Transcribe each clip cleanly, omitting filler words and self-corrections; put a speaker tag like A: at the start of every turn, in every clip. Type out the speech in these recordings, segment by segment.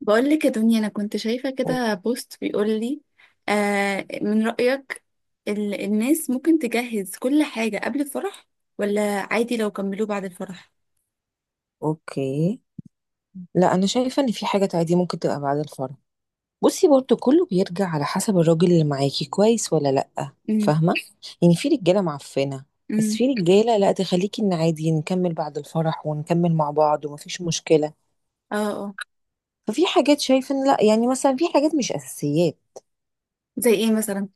A: بقول لك يا دنيا، انا كنت شايفه
B: أو-
A: كده بوست بيقول لي آه من رأيك. الناس ممكن تجهز كل حاجه قبل الفرح، ولا عادي لو كملوه بعد الفرح؟
B: اوكي، لا انا شايفه ان في حاجه عادي ممكن تبقى بعد الفرح. بصي برضو كله بيرجع على حسب الراجل اللي معاكي كويس ولا لا،
A: امم.
B: فاهمه؟ يعني في رجاله معفنه، بس
A: امم.
B: في رجاله لا تخليكي ان عادي نكمل بعد الفرح ونكمل مع بعض ومفيش مشكله.
A: اه، اه.
B: ففي حاجات شايفه ان لا، يعني مثلا في حاجات مش اساسيات.
A: زي ايه مثلا؟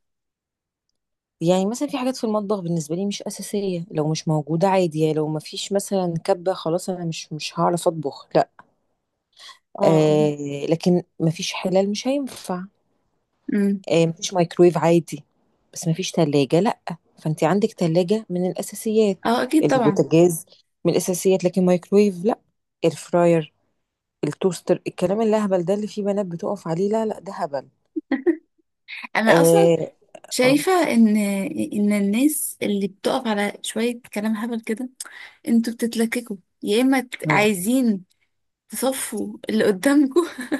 B: يعني مثلا في حاجات في المطبخ بالنسبه لي مش اساسيه، لو مش موجوده عادي، يعني لو مفيش مثلا كبه خلاص، انا مش هعرف اطبخ، لا.
A: اه، اه.
B: آه، لكن مفيش حلال مش هينفع.
A: امم.
B: آه، مفيش مايكرويف عادي، بس مفيش تلاجة لأ. فأنت عندك تلاجة من الأساسيات،
A: اه، اكيد طبعا.
B: البوتاجاز من الأساسيات، لكن مايكرويف لأ. الفراير، التوستر، الكلام الأهبل ده اللي فيه بنات بتقف عليه، لا لأ، ده هبل.
A: انا اصلا
B: آه. آه.
A: شايفه ان الناس اللي بتقف على شويه كلام هبل كده، انتوا بتتلككوا. يا اما
B: مم.
A: عايزين تصفوا اللي قدامكم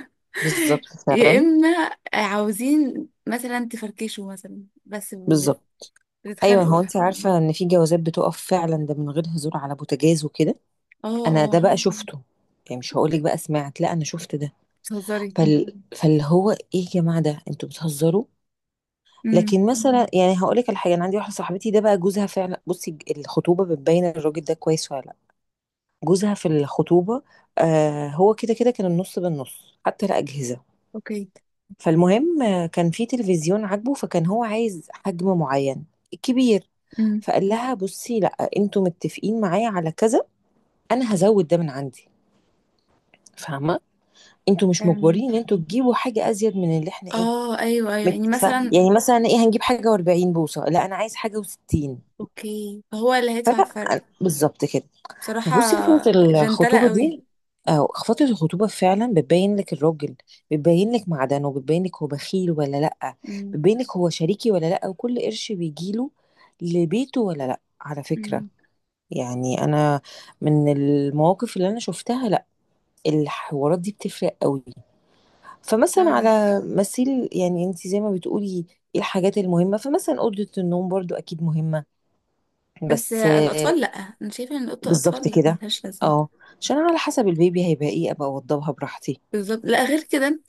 B: بالظبط
A: يا
B: فعلا.
A: اما عاوزين مثلا تفركشوا مثلا، بس
B: بالظبط. أيوة،
A: بتتخانقوا.
B: هو أنت عارفة إن في جوازات بتقف فعلا، ده من غير هزار، على بوتاجاز وكده.
A: اه،
B: أنا ده
A: اه.
B: بقى شفته، يعني مش هقولك بقى سمعت، لا أنا شفت ده.
A: بتهزري؟
B: فاللي هو إيه يا جماعة، ده أنتوا بتهزروا.
A: امم.
B: لكن مثلا، يعني هقول لك على حاجه، انا عندي واحده صاحبتي، ده بقى جوزها فعلا. بصي، الخطوبه بتبين الراجل ده كويس ولا لا. جوزها في الخطوبه، آه، هو كده كده كان النص بالنص حتى الاجهزه.
A: اوكي.
B: فالمهم آه، كان في تلفزيون عاجبه، فكان هو عايز حجم معين، كبير.
A: امم.
B: فقال لها بصي لا، انتوا متفقين معايا على كذا، انا هزود ده من عندي، فاهمه؟ انتوا مش
A: أم،
B: مجبرين ان انتوا تجيبوا حاجه ازيد من اللي احنا ايه.
A: اه، ايوه، ايوه، يعني
B: مت... ف...
A: مثلا.
B: يعني مثلا ايه، هنجيب حاجه و40 بوصه؟ لا انا عايز حاجه و60.
A: اوكي، هو اللي هيدفع الفرق؟
B: بالظبط كده.
A: بصراحة
B: فبصي فترة
A: جنتلة
B: الخطوبة
A: قوي.
B: دي، أو فترة الخطوبة فعلا بتبين لك الراجل، بتبين لك معدنه، بتبين لك هو بخيل ولا لأ،
A: امم.
B: بتبين لك هو شريكي ولا لأ، وكل قرش بيجيله لبيته ولا لأ، على فكرة.
A: امم.
B: يعني أنا من المواقف اللي أنا شفتها، لأ، الحوارات دي بتفرق قوي. فمثلا
A: اه.
B: على مثيل، يعني أنت زي ما بتقولي إيه، الحاجات المهمة، فمثلا أوضة النوم برضو أكيد مهمة،
A: بس
B: بس.
A: الاطفال لا، انا شايفة ان اوضه
B: بالضبط
A: الاطفال لا،
B: كده،
A: ملهاش
B: آه،
A: لازمة.
B: عشان أنا على حسب البيبي هيبقى إيه أبقى أوضّبها براحتي.
A: بالظبط، لا غير كده.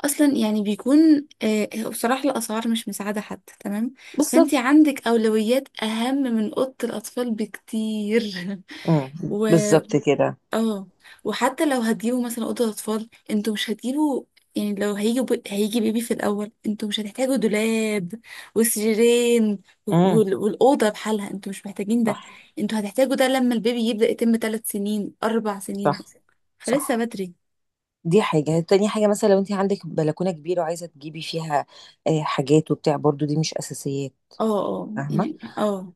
A: اصلا يعني بيكون بصراحة الاسعار مش مساعدة حد، تمام. فانتي
B: بالضبط،
A: عندك اولويات اهم من اوضة الاطفال بكتير.
B: إمم،
A: و،
B: بالضبط كده،
A: اه، وحتى لو هتجيبوا مثلا اوضة اطفال انتوا مش هتجيبوا. يعني لو هيجي بيبي في الاول، انتوا مش هتحتاجوا دولاب وسريرين،
B: إمم،
A: والاوضة بحالها انتوا مش محتاجين ده.
B: صح،
A: انتوا هتحتاجوا ده لما البيبي يبدأ يتم 3 سنين، 4 سنين،
B: صح،
A: فلسه
B: صح،
A: بدري.
B: دي حاجة، تاني حاجة مثلًا لو أنتِ عندِك بلكونة كبيرة وعايزة تجيبي فيها حاجات وبتاع، برضه دي مش أساسيات،
A: اه، اه،
B: فاهمة؟
A: يعني اه.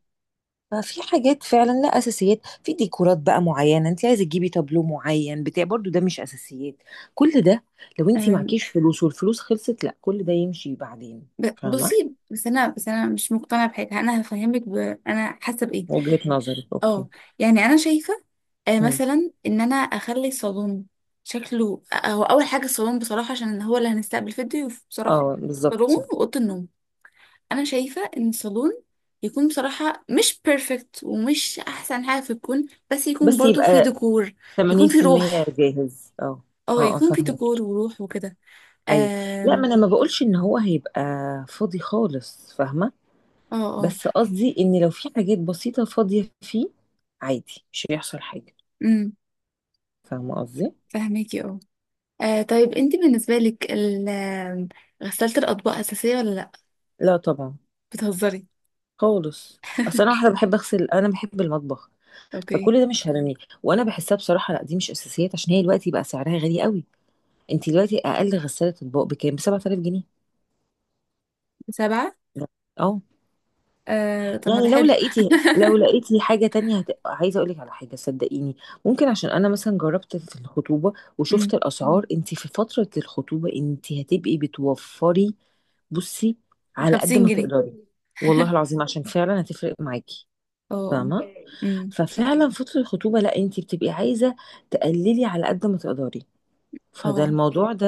B: ففي حاجات فعلًا لأ أساسيات، في ديكورات بقى معيّنة، أنتِ عايزة تجيبي تابلو معيّن بتاع برضه ده مش أساسيات، كل ده لو أنتِ
A: آه.
B: معاكيش فلوس والفلوس خلصت لأ، كل ده يمشي بعدين،
A: ب-
B: فاهمة؟
A: بصي بس انا مش مقتنعه بحاجه. انا هفهمك. انا حاسه بايه.
B: وجهة نظرِك، أوكي،
A: اه. يعني انا شايفه
B: إمم.
A: مثلا ان انا اخلي الصالون شكله. هو اول حاجه الصالون بصراحه، عشان هو اللي هنستقبل فيه الضيوف بصراحه.
B: اه بالظبط
A: صالون
B: صح.
A: واوضه النوم. انا شايفه ان الصالون يكون بصراحه مش بيرفكت ومش احسن حاجه في الكون، بس يكون
B: بس
A: برضو فيه
B: يبقى
A: ديكور، يكون فيه
B: 80%
A: روح.
B: جاهز، اه.
A: اه،
B: اه اه،
A: يكون فيه
B: فاهمك،
A: ديكور وروح وكده.
B: ايوه. لا ما
A: آم،
B: انا ما بقولش ان هو هيبقى فاضي خالص، فاهمه؟
A: اه، اه.
B: بس قصدي ان لو في حاجات بسيطه فاضيه فيه، عادي مش هيحصل حاجه،
A: امم،
B: فاهمه قصدي؟
A: فهماكي. اه. آه، طيب انت بالنسبة لك ال- آم، غسالة الأطباق أساسية ولا لأ؟
B: لا طبعا،
A: بتهزري؟
B: خالص. اصل انا واحده بحب اغسل، انا بحب المطبخ،
A: اوكي.
B: فكل ده مش هرميه. وانا بحسها بصراحه لا، دي مش اساسيات، عشان هي دلوقتي بقى سعرها غالي قوي. انت دلوقتي اقل غساله اطباق بكام؟ ب 7000 جنيه.
A: سبعة؟
B: لا. اه،
A: آه طب ما ده
B: يعني لو
A: حلو.
B: لقيتي، لو لقيتي حاجة تانية عايزة أقولك على حاجة، صدقيني، ممكن، عشان أنا مثلا جربت في الخطوبة
A: أمم،
B: وشفت الأسعار، أنت في فترة الخطوبة أنت هتبقي بتوفري. بصي، على قد
A: خمسين
B: ما
A: جنيه
B: تقدري، والله العظيم عشان فعلا هتفرق معاكي،
A: اه.
B: فاهمة؟
A: أمم،
B: ففعلا فترة الخطوبة لا، أنت بتبقي عايزة تقللي على قد ما تقدري، فده
A: اه،
B: الموضوع ده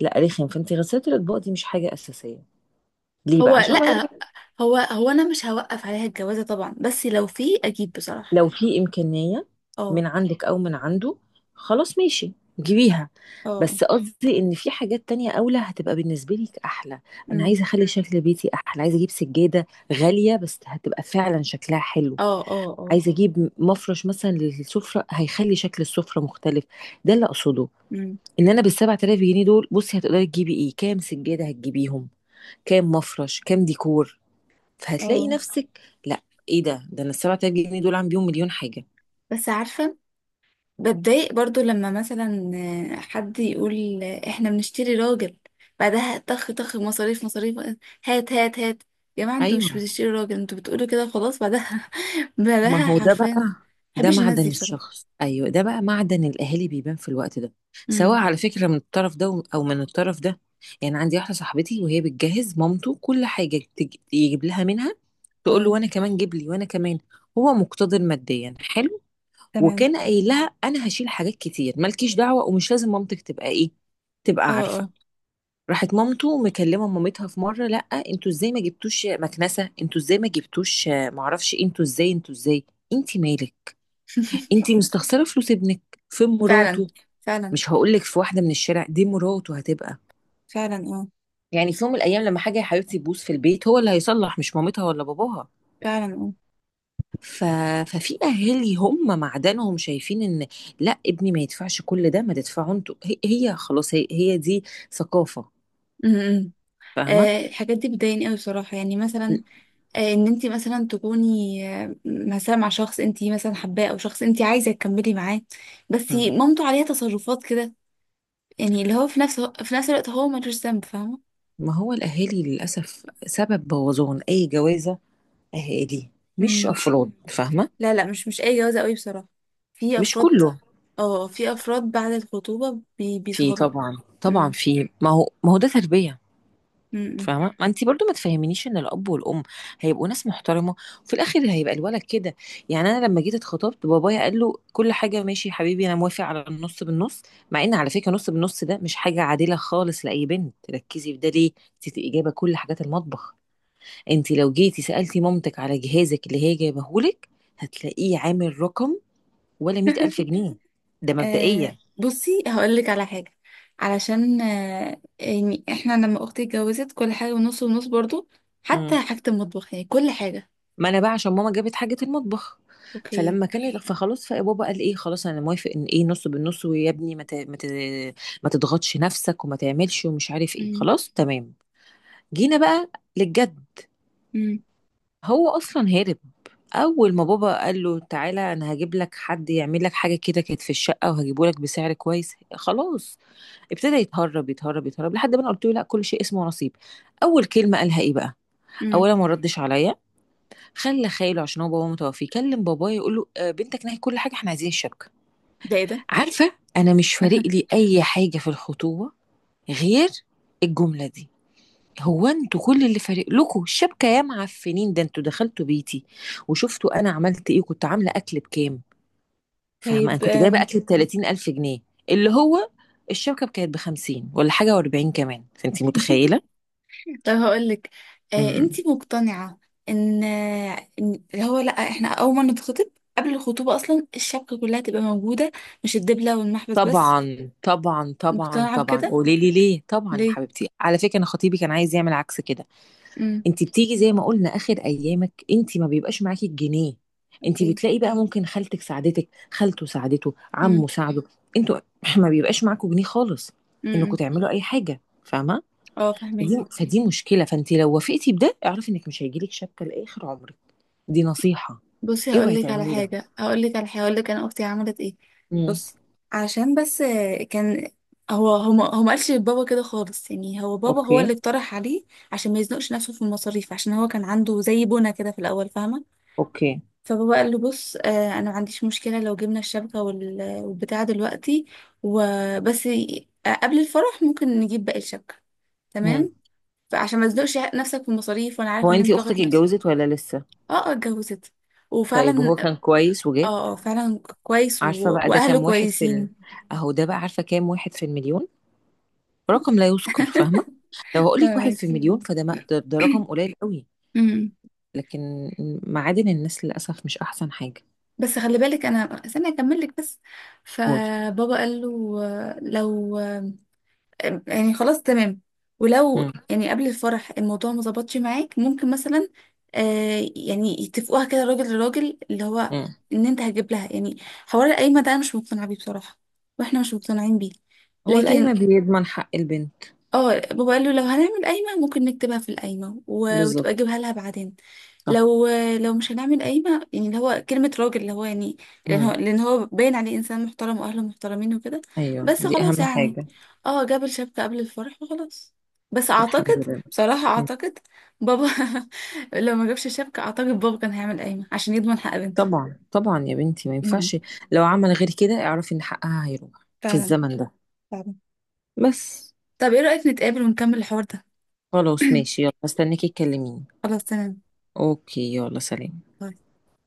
B: لا رخم. فأنت غسالة الأطباق دي مش حاجة أساسية. ليه بقى؟
A: هو
B: عشان ما
A: لأ،
B: هي،
A: هو أنا مش هوقف عليها الجوازة طبعا، بس لو في أجيب بصراحة.
B: لو في إمكانية
A: اه،
B: من عندك أو من عنده، خلاص ماشي، جيبيها.
A: اه.
B: بس قصدي إن في حاجات تانية أولى هتبقى بالنسبة لك أحلى. أنا
A: أمم.
B: عايزة أخلي شكل بيتي أحلى، عايزة أجيب سجادة غالية بس هتبقى فعلا شكلها حلو،
A: اه، اه، اه.
B: عايزة أجيب مفرش مثلا للسفرة هيخلي شكل السفرة مختلف، ده اللي أقصده.
A: أمم.
B: إن أنا بالسبعة آلاف جنيه دول، بصي هتقدري تجيبي إيه، كام سجادة هتجيبيهم، كام مفرش، كام ديكور، فهتلاقي
A: اه.
B: نفسك لا، إيه ده أنا السبعة آلاف جنيه دول عم بيهم مليون حاجة.
A: بس عارفة، بتضايق برضو لما مثلا حد يقول احنا بنشتري راجل، بعدها طخ طخ، مصاريف مصاريف، هات هات هات. يا جماعة انتوا مش
B: أيوه،
A: بتشتري راجل، انتوا بتقولوا كده خلاص بعدها
B: ما
A: بعدها
B: هو ده
A: حرفيا.
B: بقى، ده
A: محبش الناس
B: معدن
A: دي بصراحة.
B: الشخص، ايوه ده بقى معدن الاهالي بيبان في الوقت ده، سواء
A: امم.
B: على فكره من الطرف ده او من الطرف ده. يعني عندي واحده صاحبتي، وهي بتجهز مامته كل حاجه يجيب لها منها، تقول له
A: اه.
B: وانا كمان جيب لي وانا كمان. هو مقتدر ماديا، حلو.
A: تمام.
B: وكان قايل لها انا هشيل حاجات كتير، مالكيش دعوه، ومش لازم مامتك تبقى ايه، تبقى
A: اه،
B: عارفه.
A: اه.
B: راحت مامته مكلمه مامتها في مره، لا انتوا ازاي ما جبتوش مكنسه، انتوا ازاي ما جبتوش آه، معرفش إيه؟ انتوا ازاي، انتوا ازاي، انت مالك؟ انتي مستخسره فلوس ابنك في
A: فعلا،
B: مراته؟
A: فعلا،
B: مش هقولك في واحده من الشارع دي مراته هتبقى،
A: فعلا. اه،
B: يعني في يوم من الايام لما حاجه يا حبيبتي تبوظ في البيت هو اللي هيصلح، مش مامتها ولا باباها.
A: فعلا. اه.
B: ف... ففي اهالي هم معدنهم شايفين ان لا، ابني ما يدفعش كل ده، ما تدفعوا انتوا، هي, هي خلاص، هي, هي، دي ثقافه،
A: امم.
B: فاهمه؟
A: الحاجات دي بتضايقني قوي بصراحة، يعني مثلا ان انت مثلا تكوني مثلا مع شخص انت مثلا حباه، او شخص انت عايزه تكملي معاه، بس
B: مم.
A: مامته عليها تصرفات كده. يعني اللي هو في نفس الوقت هو ملوش ذنب، فاهمه.
B: ما هو الاهالي للاسف سبب بوظان اي جوازه، اهالي مش
A: امم.
B: افراد، فاهمه؟
A: لا، لا، مش اي جوازه قوي بصراحه. في
B: مش
A: افراد.
B: كله،
A: اه، في افراد بعد الخطوبه بي
B: في
A: بيسهروا
B: طبعا طبعا،
A: امم.
B: في، ما هو ده تربيه،
A: امم.
B: فاهمه؟ ما انت برضو ما تفهمينيش ان الاب والام هيبقوا ناس محترمه وفي الاخر هيبقى الولد كده. يعني انا لما جيت اتخطبت، بابايا قال له كل حاجه ماشي يا حبيبي انا موافق على النص بالنص. مع ان على فكره نص بالنص ده مش حاجه عادله خالص لاي بنت، ركزي في ده ليه، انت جايبه كل حاجات المطبخ، انت لو جيتي سالتي مامتك على جهازك اللي هي جايبهولك هتلاقيه عامل رقم ولا مئة الف جنيه ده
A: آه،
B: مبدئيا.
A: بصي هقول لك على حاجه. علشان يعني احنا لما اختي اتجوزت كل حاجه ونص ونص برضو، حتى حاجه المطبخ يعني كل حاجه.
B: ما انا بقى عشان ماما جابت حاجه المطبخ،
A: اوكي.
B: فلما كان فخلاص، فبابا قال ايه، خلاص انا موافق ان ايه نص بالنص، ويا ابني ما تضغطش نفسك وما تعملش ومش عارف ايه، خلاص تمام. جينا بقى للجد،
A: امم.
B: هو اصلا هارب. اول ما بابا قال له تعالى انا هجيب لك حد يعمل لك حاجه كده كانت في الشقه وهجيبه لك بسعر كويس، خلاص. ابتدى يتهرب يتهرب يتهرب لحد ما انا قلت له لا، كل شيء اسمه نصيب. اول كلمه قالها ايه بقى؟
A: امم.
B: اولا ما ردش عليا، خلى خاله، عشان هو بابا متوفي، يكلم بابايا يقول له آه، بنتك نهي كل حاجه احنا عايزين الشبكه.
A: ده ايه ده؟
B: عارفه، انا مش فارق لي اي حاجه في الخطوبه غير الجمله دي. هو انتوا كل اللي فارق لكم الشبكه يا معفنين؟ ده انتوا دخلتوا بيتي وشفتوا انا عملت ايه، كنت عامله اكل بكام، فاهمه؟ انا
A: طيب
B: كنت جايبه اكل ب 30000 جنيه، اللي هو الشبكه كانت ب 50 ولا حاجه و40 كمان، فانت متخيله.
A: طب هقول لك.
B: إمم.
A: انت مقتنعة ان آه، إن اللي هو لا، احنا اول ما نتخطب، قبل الخطوبة اصلا الشبكة كلها تبقى موجودة، مش الدبلة والمحبس بس،
B: طبعا طبعا طبعا
A: مقتنعة
B: طبعا،
A: بكده؟
B: قولي لي ليه؟ طبعا يا
A: ليه؟
B: حبيبتي، على فكره انا خطيبي كان عايز يعمل عكس كده.
A: امم.
B: انت بتيجي زي ما قلنا اخر ايامك، انت ما بيبقاش معاكي الجنيه، انت
A: اوكي.
B: بتلاقي بقى ممكن خالتك ساعدتك، خالته ساعدته، عمه
A: امم.
B: ساعده، انتوا ما بيبقاش معاكوا جنيه خالص
A: امم.
B: انكم
A: أمم.
B: تعملوا اي حاجه، فاهمه؟
A: اه،
B: فدي
A: فهماكي.
B: فدي مشكله. فانت لو وافقتي بده اعرفي انك مش هيجيلك شبكه لاخر عمرك، دي نصيحه،
A: بصي هقول
B: اوعي
A: لك على
B: تعملي ده.
A: حاجه هقول لك على حاجه هقول لك انا اختي عملت ايه.
B: امم.
A: بص. عشان بس كان هو ما هو ما قالش لبابا كده خالص، يعني هو بابا هو
B: اوكي.
A: اللي اقترح عليه، عشان ما يزنقش نفسه في المصاريف، عشان هو كان عنده زي بنا كده في الاول، فاهمه.
B: اوكي.
A: فبابا قال له بص، انا ما عنديش مشكله لو جبنا الشبكه والبتاع دلوقتي، وبس قبل الفرح ممكن نجيب باقي الشبكه،
B: امم.
A: تمام. فعشان ما تزنقش نفسك في المصاريف، وانا عارف
B: هو
A: ان
B: انت
A: انت ضاغط
B: اختك
A: نفسك.
B: اتجوزت ولا لسه؟
A: اه، اه، اتجوزت.
B: طيب، وهو
A: وفعلا.
B: كان كويس وجاب؟
A: اه، اه، فعلا كويس
B: عارفة بقى ده
A: واهله
B: كام واحد في ال...
A: كويسين.
B: اهو ده بقى، عارفة كام واحد في المليون؟ رقم لا يذكر، فاهمة؟ لو هقولك واحد
A: فاهمك.
B: في المليون فده ما... ده, ده رقم قليل قوي.
A: امم.
B: لكن معادن الناس للأسف مش أحسن حاجة.
A: بس خلي بالك، انا استنى اكمل لك بس.
B: قولي.
A: فبابا قال له لو يعني خلاص تمام، ولو
B: مم.
A: يعني قبل الفرح الموضوع ما ظبطش معاك، ممكن مثلا يعني يتفقوها كده راجل لراجل، اللي هو
B: مم.
A: ان انت هتجيب لها، يعني حوار القايمه ده انا مش مقتنعه بيه بصراحه، واحنا مش مقتنعين بيه.
B: هو القايمة
A: لكن
B: بيضمن حق البنت.
A: اه، بابا قال له لو هنعمل قايمة ممكن نكتبها في القايمة وتبقى
B: بالظبط،
A: اجيبها لها بعدين.
B: صح.
A: لو لو مش هنعمل قايمة، يعني اللي هو كلمة راجل، اللي هو يعني لأن هو
B: مم.
A: لأن هو باين عليه إنسان محترم، وأهله محترمين وكده،
B: أيوه
A: بس
B: دي
A: خلاص
B: أهم
A: يعني.
B: حاجة.
A: اه، جاب الشبكة قبل الفرح وخلاص. بس
B: طب
A: أعتقد
B: الحمد لله.
A: بصراحة،
B: مم.
A: أعتقد بابا لو ما جابش الشبكة أعتقد بابا كان هيعمل قايمة عشان يضمن حق بنته.
B: طبعا طبعا يا بنتي ما
A: امم.
B: ينفعش، لو عمل غير كده اعرفي إن حقها هيروح في
A: فعلا،
B: الزمن ده
A: فعلا.
B: بس.
A: طب ايه رأيك نتقابل ونكمل الحوار ده؟
B: خلاص ماشي، يلا استناكي تكلميني.
A: خلاص تمام.
B: اوكي، يلا سلام.